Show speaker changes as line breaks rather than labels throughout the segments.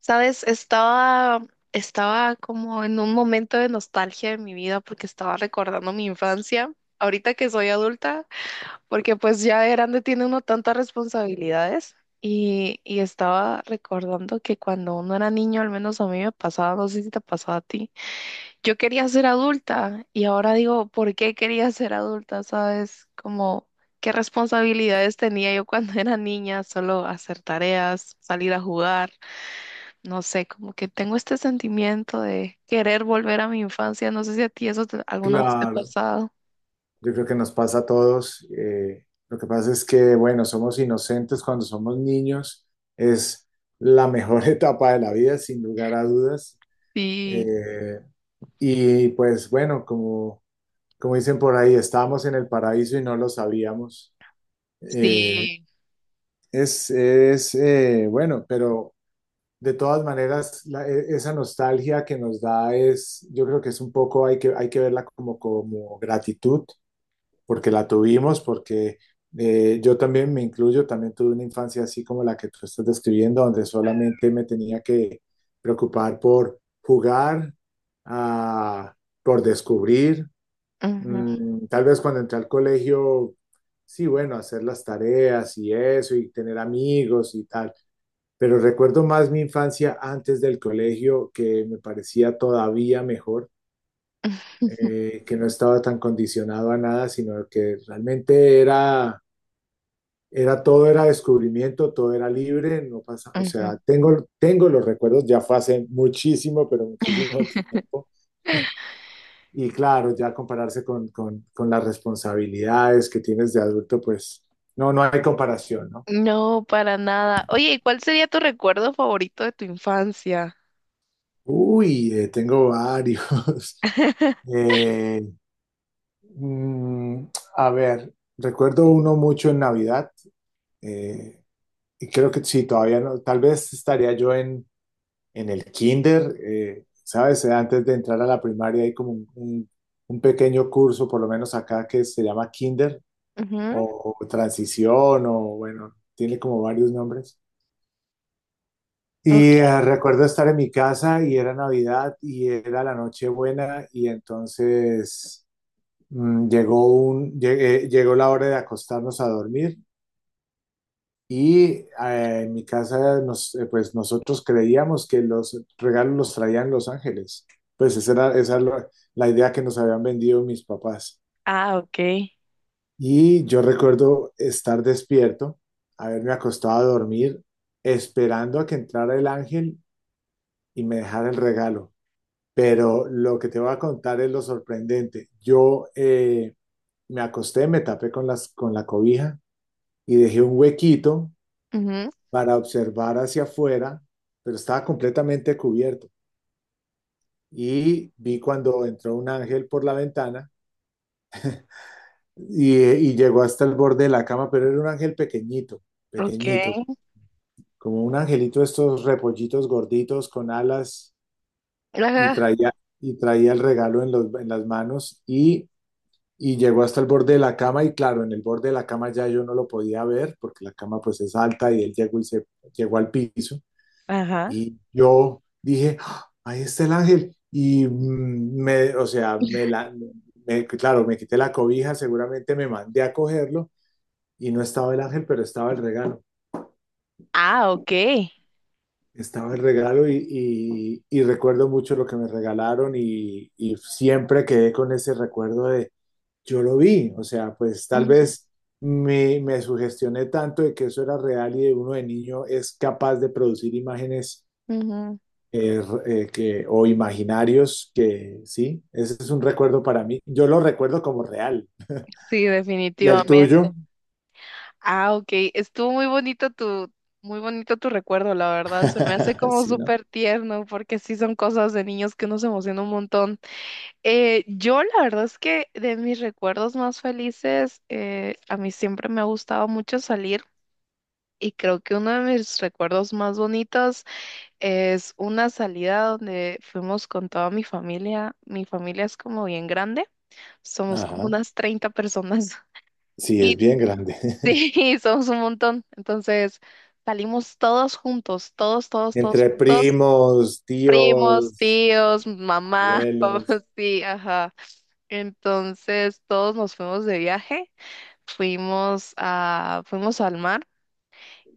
Sabes, estaba como en un momento de nostalgia de mi vida porque estaba recordando mi infancia, ahorita que soy adulta, porque pues ya de grande tiene uno tantas responsabilidades y estaba recordando que cuando uno era niño, al menos a mí me pasaba, no sé si te pasaba a ti, yo quería ser adulta y ahora digo, ¿por qué quería ser adulta? ¿Sabes? Como... ¿Qué responsabilidades tenía yo cuando era niña? Solo hacer tareas, salir a jugar, no sé, como que tengo este sentimiento de querer volver a mi infancia. No sé si a ti eso alguna vez te ha
Claro,
pasado.
yo creo que nos pasa a todos. Lo que pasa es que, bueno, somos inocentes cuando somos niños. Es la mejor etapa de la vida, sin lugar a dudas.
Sí,
eh, y pues, bueno, como dicen por ahí, estábamos en el paraíso y no lo sabíamos. Eh,
sí.
es bueno, pero de todas maneras, esa nostalgia que nos da es, yo creo que es un poco, hay que verla como, como gratitud porque la tuvimos, porque yo también me incluyo, también tuve una infancia así como la que tú estás describiendo, donde solamente me tenía que preocupar por jugar, ah, por descubrir.
Ujú,
Tal vez cuando entré al colegio, sí, bueno, hacer las tareas y eso, y tener amigos y tal. Pero recuerdo más mi infancia antes del colegio, que me parecía todavía mejor, que no estaba tan condicionado a nada, sino que realmente era todo, era descubrimiento, todo era libre, no pasa, o
ujú.
sea, tengo los recuerdos, ya fue hace muchísimo, pero muchísimo tiempo. Y claro, ya compararse con, con las responsabilidades que tienes de adulto, pues no, no hay comparación, ¿no?
No, para nada. Oye, ¿y cuál sería tu recuerdo favorito de tu infancia?
Uy, tengo varios. Eh, mm, a ver, recuerdo uno mucho en Navidad. eh, Y creo que sí, todavía no, tal vez estaría yo en el kinder, ¿sabes? Antes de entrar a la primaria hay como un pequeño curso, por lo menos acá, que se llama kinder
Ujú.
o transición o bueno, tiene como varios nombres. Y
Okay.
recuerdo estar en mi casa y era Navidad y era la Nochebuena y entonces llegó la hora de acostarnos a dormir. Y eh, en mi casa, pues nosotros creíamos que los regalos los traían los ángeles. Pues esa era la idea que nos habían vendido mis papás.
Ah, okay.
Y yo recuerdo estar despierto, haberme acostado a dormir, esperando a que entrara el ángel y me dejara el regalo. Pero lo que te voy a contar es lo sorprendente. Yo me acosté, me tapé con la cobija y dejé un huequito
Ujú.
para observar hacia afuera, pero estaba completamente cubierto. Y vi cuando entró un ángel por la ventana y llegó hasta el borde de la cama, pero era un ángel pequeñito, pequeñito,
Okay.
como un angelito de estos repollitos gorditos con alas y
Ajá.
traía, y traía el regalo en las manos y llegó hasta el borde de la cama y claro, en el borde de la cama ya yo no lo podía ver porque la cama pues es alta y él llegó y se llegó al piso.
Ajá.
Y yo dije, "Ah, ahí está el ángel". Y o sea, claro, me quité la cobija, seguramente me mandé a cogerlo y no estaba el ángel, pero estaba el regalo.
Ah, okay.
Estaba el regalo y, y recuerdo mucho lo que me regalaron y siempre quedé con ese recuerdo de, yo lo vi, o sea, pues tal
Ujú,
vez me sugestioné tanto de que eso era real y de uno de niño es capaz de producir imágenes,
ujú.
que, o imaginarios que sí, ese es un recuerdo para mí. Yo lo recuerdo como real.
Sí,
¿Y el
definitivamente.
tuyo?
Ah, ok. Estuvo muy bonito tu recuerdo, la verdad. Se me hace como
Sí, ¿no?
súper tierno porque sí son cosas de niños que uno se emociona un montón. Yo la verdad es que de mis recuerdos más felices, a mí siempre me ha gustado mucho salir y creo que uno de mis recuerdos más bonitos es una salida donde fuimos con toda mi familia. Mi familia es como bien grande, somos como
Ajá.
unas 30 personas.
Sí, es bien grande.
Sí, somos un montón. Entonces salimos todos juntos, todos, todos, todos
Entre
juntos.
primos,
Primos,
tíos,
tíos, mamá,
abuelos.
papá, sí, ajá. Entonces todos nos fuimos de viaje, fuimos al mar.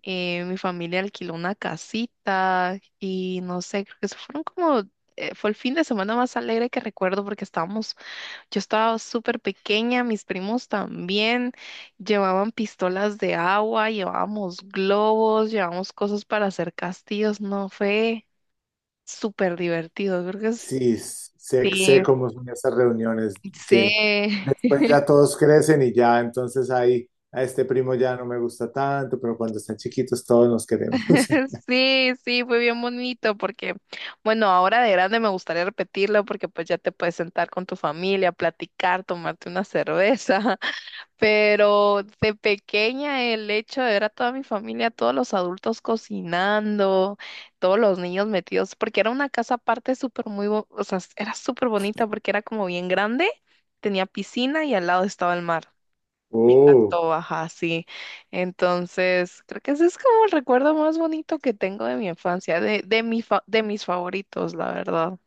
Mi familia alquiló una casita y no sé, creo que se fueron como, fue el fin de semana más alegre que recuerdo porque estábamos, yo estaba súper pequeña, mis primos también llevaban pistolas de agua, llevábamos globos, llevábamos cosas para hacer castillos, no fue súper divertido, creo que es...
Sí, sé,
Sí,
sé cómo son esas reuniones que
sí,
después ya todos crecen y ya entonces ahí a este primo ya no me gusta tanto, pero cuando están chiquitos todos nos queremos.
sí, sí, fue bien bonito porque, bueno, ahora de grande me gustaría repetirlo porque pues ya te puedes sentar con tu familia, platicar, tomarte una cerveza. Pero de pequeña el hecho de ver a toda mi familia, todos los adultos cocinando, todos los niños metidos, porque era una casa aparte o sea, era súper bonita porque era como bien grande, tenía piscina y al lado estaba el mar. Me
Oh.
encantó, ajá, sí. Entonces, creo que ese es como el recuerdo más bonito que tengo de mi infancia, de mis favoritos, la verdad.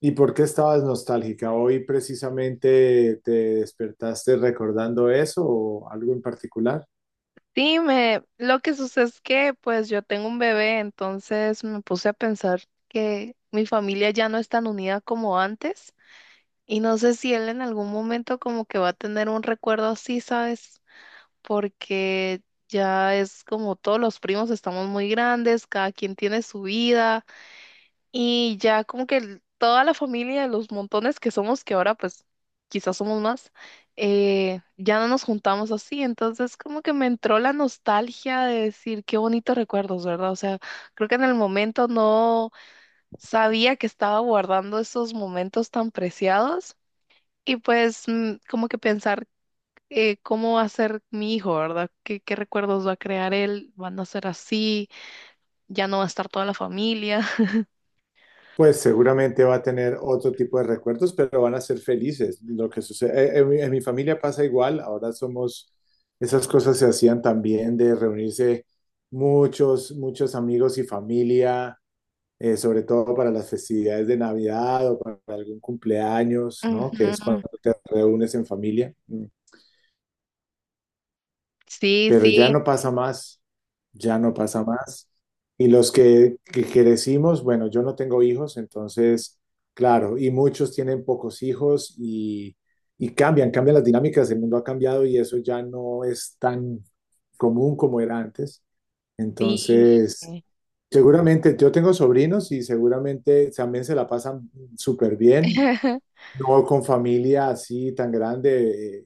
¿Y por qué estabas nostálgica? ¿Hoy precisamente te despertaste recordando eso o algo en particular?
Sí, lo que sucede es que pues yo tengo un bebé, entonces me puse a pensar que mi familia ya no es tan unida como antes y no sé si él en algún momento como que va a tener un recuerdo así, ¿sabes? Porque ya es como todos los primos estamos muy grandes, cada quien tiene su vida. Y ya como que toda la familia, los montones que somos, que ahora pues quizás somos más, ya no nos juntamos así. Entonces como que me entró la nostalgia de decir qué bonitos recuerdos, ¿verdad? O sea, creo que en el momento no sabía que estaba guardando esos momentos tan preciados y pues como que pensar, cómo va a ser mi hijo, ¿verdad? ¿Qué, qué recuerdos va a crear él? ¿Van a ser así? ¿Ya no va a estar toda la familia?
Pues seguramente va a tener otro tipo de recuerdos, pero van a ser felices. Lo que sucede, en en mi familia pasa igual, ahora somos, esas cosas se hacían también de reunirse muchos, muchos amigos y familia, sobre todo para las festividades de Navidad o para algún cumpleaños, ¿no? Que es
Ujú.
cuando te reúnes en familia. Mm.
Sí,
Pero ya
sí.
no pasa más, ya no pasa más. Y que crecimos, bueno, yo no tengo hijos, entonces, claro, y muchos tienen pocos hijos y cambian, cambian las dinámicas, el mundo ha cambiado y eso ya no es tan común como era antes.
Sí.
Entonces, seguramente yo tengo sobrinos y seguramente también se la pasan súper bien, no con familia así tan grande.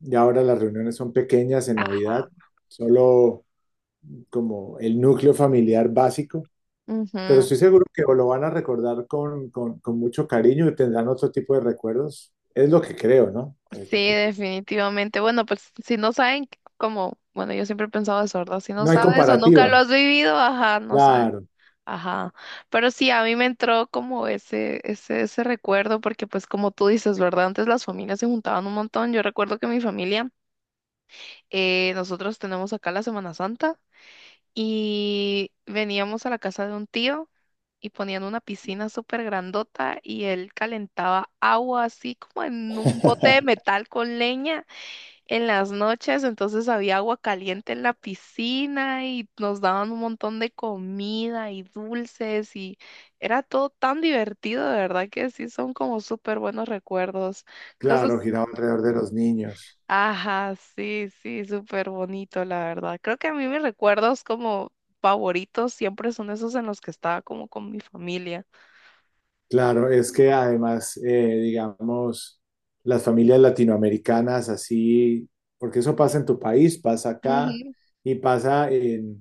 Y ahora las reuniones son pequeñas en
Ajá.
Navidad, solo como el núcleo familiar básico, pero
Ujú.
estoy seguro que lo van a recordar con mucho cariño y tendrán otro tipo de recuerdos. Es lo que creo, ¿no? Es
Sí,
lo que creo.
definitivamente. Bueno, pues si no saben, como, bueno, yo siempre he pensado eso, ¿verdad? Si no
No hay
sabes o nunca lo
comparativa.
has vivido, ajá, no sabes.
Claro,
Ajá. Pero sí, a mí me entró como ese recuerdo, porque pues como tú dices, ¿verdad? Antes las familias se juntaban un montón. Yo recuerdo que mi familia, nosotros tenemos acá la Semana Santa. Y veníamos a la casa de un tío y ponían una piscina súper grandota y él calentaba agua así como en un bote de metal con leña en las noches. Entonces había agua caliente en la piscina y nos daban un montón de comida y dulces y era todo tan divertido, de verdad que sí son como súper buenos recuerdos.
claro,
Cosas,
giraba alrededor de los niños.
ajá, sí, sí, súper bonito, la verdad. Creo que a mí mis recuerdos como favoritos siempre son esos en los que estaba como con mi familia.
Claro, es que además, digamos, las familias latinoamericanas así, porque eso pasa en tu país, pasa acá
Ujú,
y pasa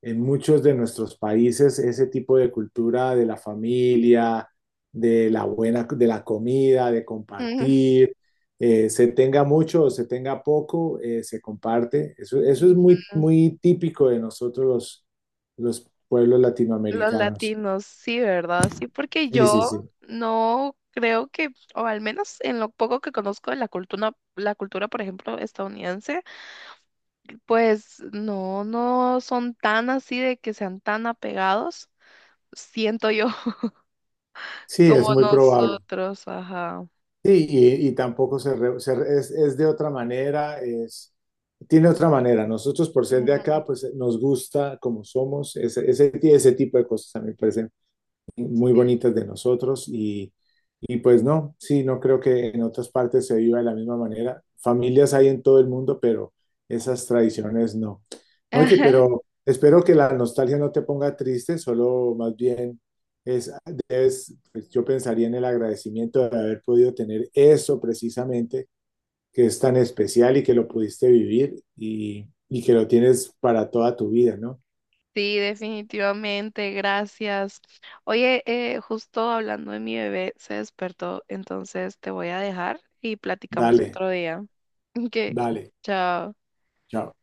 en muchos de nuestros países ese tipo de cultura de la familia, de la buena, de la comida, de
ujú,
compartir, se tenga mucho o se tenga poco, se comparte. Eso es muy,
ujú.
muy típico de nosotros los pueblos
Los
latinoamericanos.
latinos, sí, ¿verdad? Sí, porque
Sí, sí,
yo
sí.
no creo que, o al menos en lo poco que conozco de la cultura, por ejemplo, estadounidense, pues no, no son tan así de que sean tan apegados, siento yo,
Sí, es
como
muy probable.
nosotros, ajá.
Sí, y tampoco es de otra manera, es, tiene otra manera. Nosotros por ser de
Ujú.
acá, pues nos gusta como somos, ese tipo de cosas a mí me parecen muy
Sí.
bonitas de nosotros y pues no, sí, no creo que en otras partes se viva de la misma manera. Familias hay en todo el mundo, pero esas tradiciones no. Oye, pero espero que la nostalgia no te ponga triste, solo más bien es, es, pues yo pensaría en el agradecimiento de haber podido tener eso precisamente, que es tan especial y que lo pudiste vivir y que lo tienes para toda tu vida, ¿no?
Sí, definitivamente, gracias. Oye, justo hablando de mi bebé, se despertó, entonces te voy a dejar y platicamos
Dale,
otro día. Ok,
dale,
chao.
chao.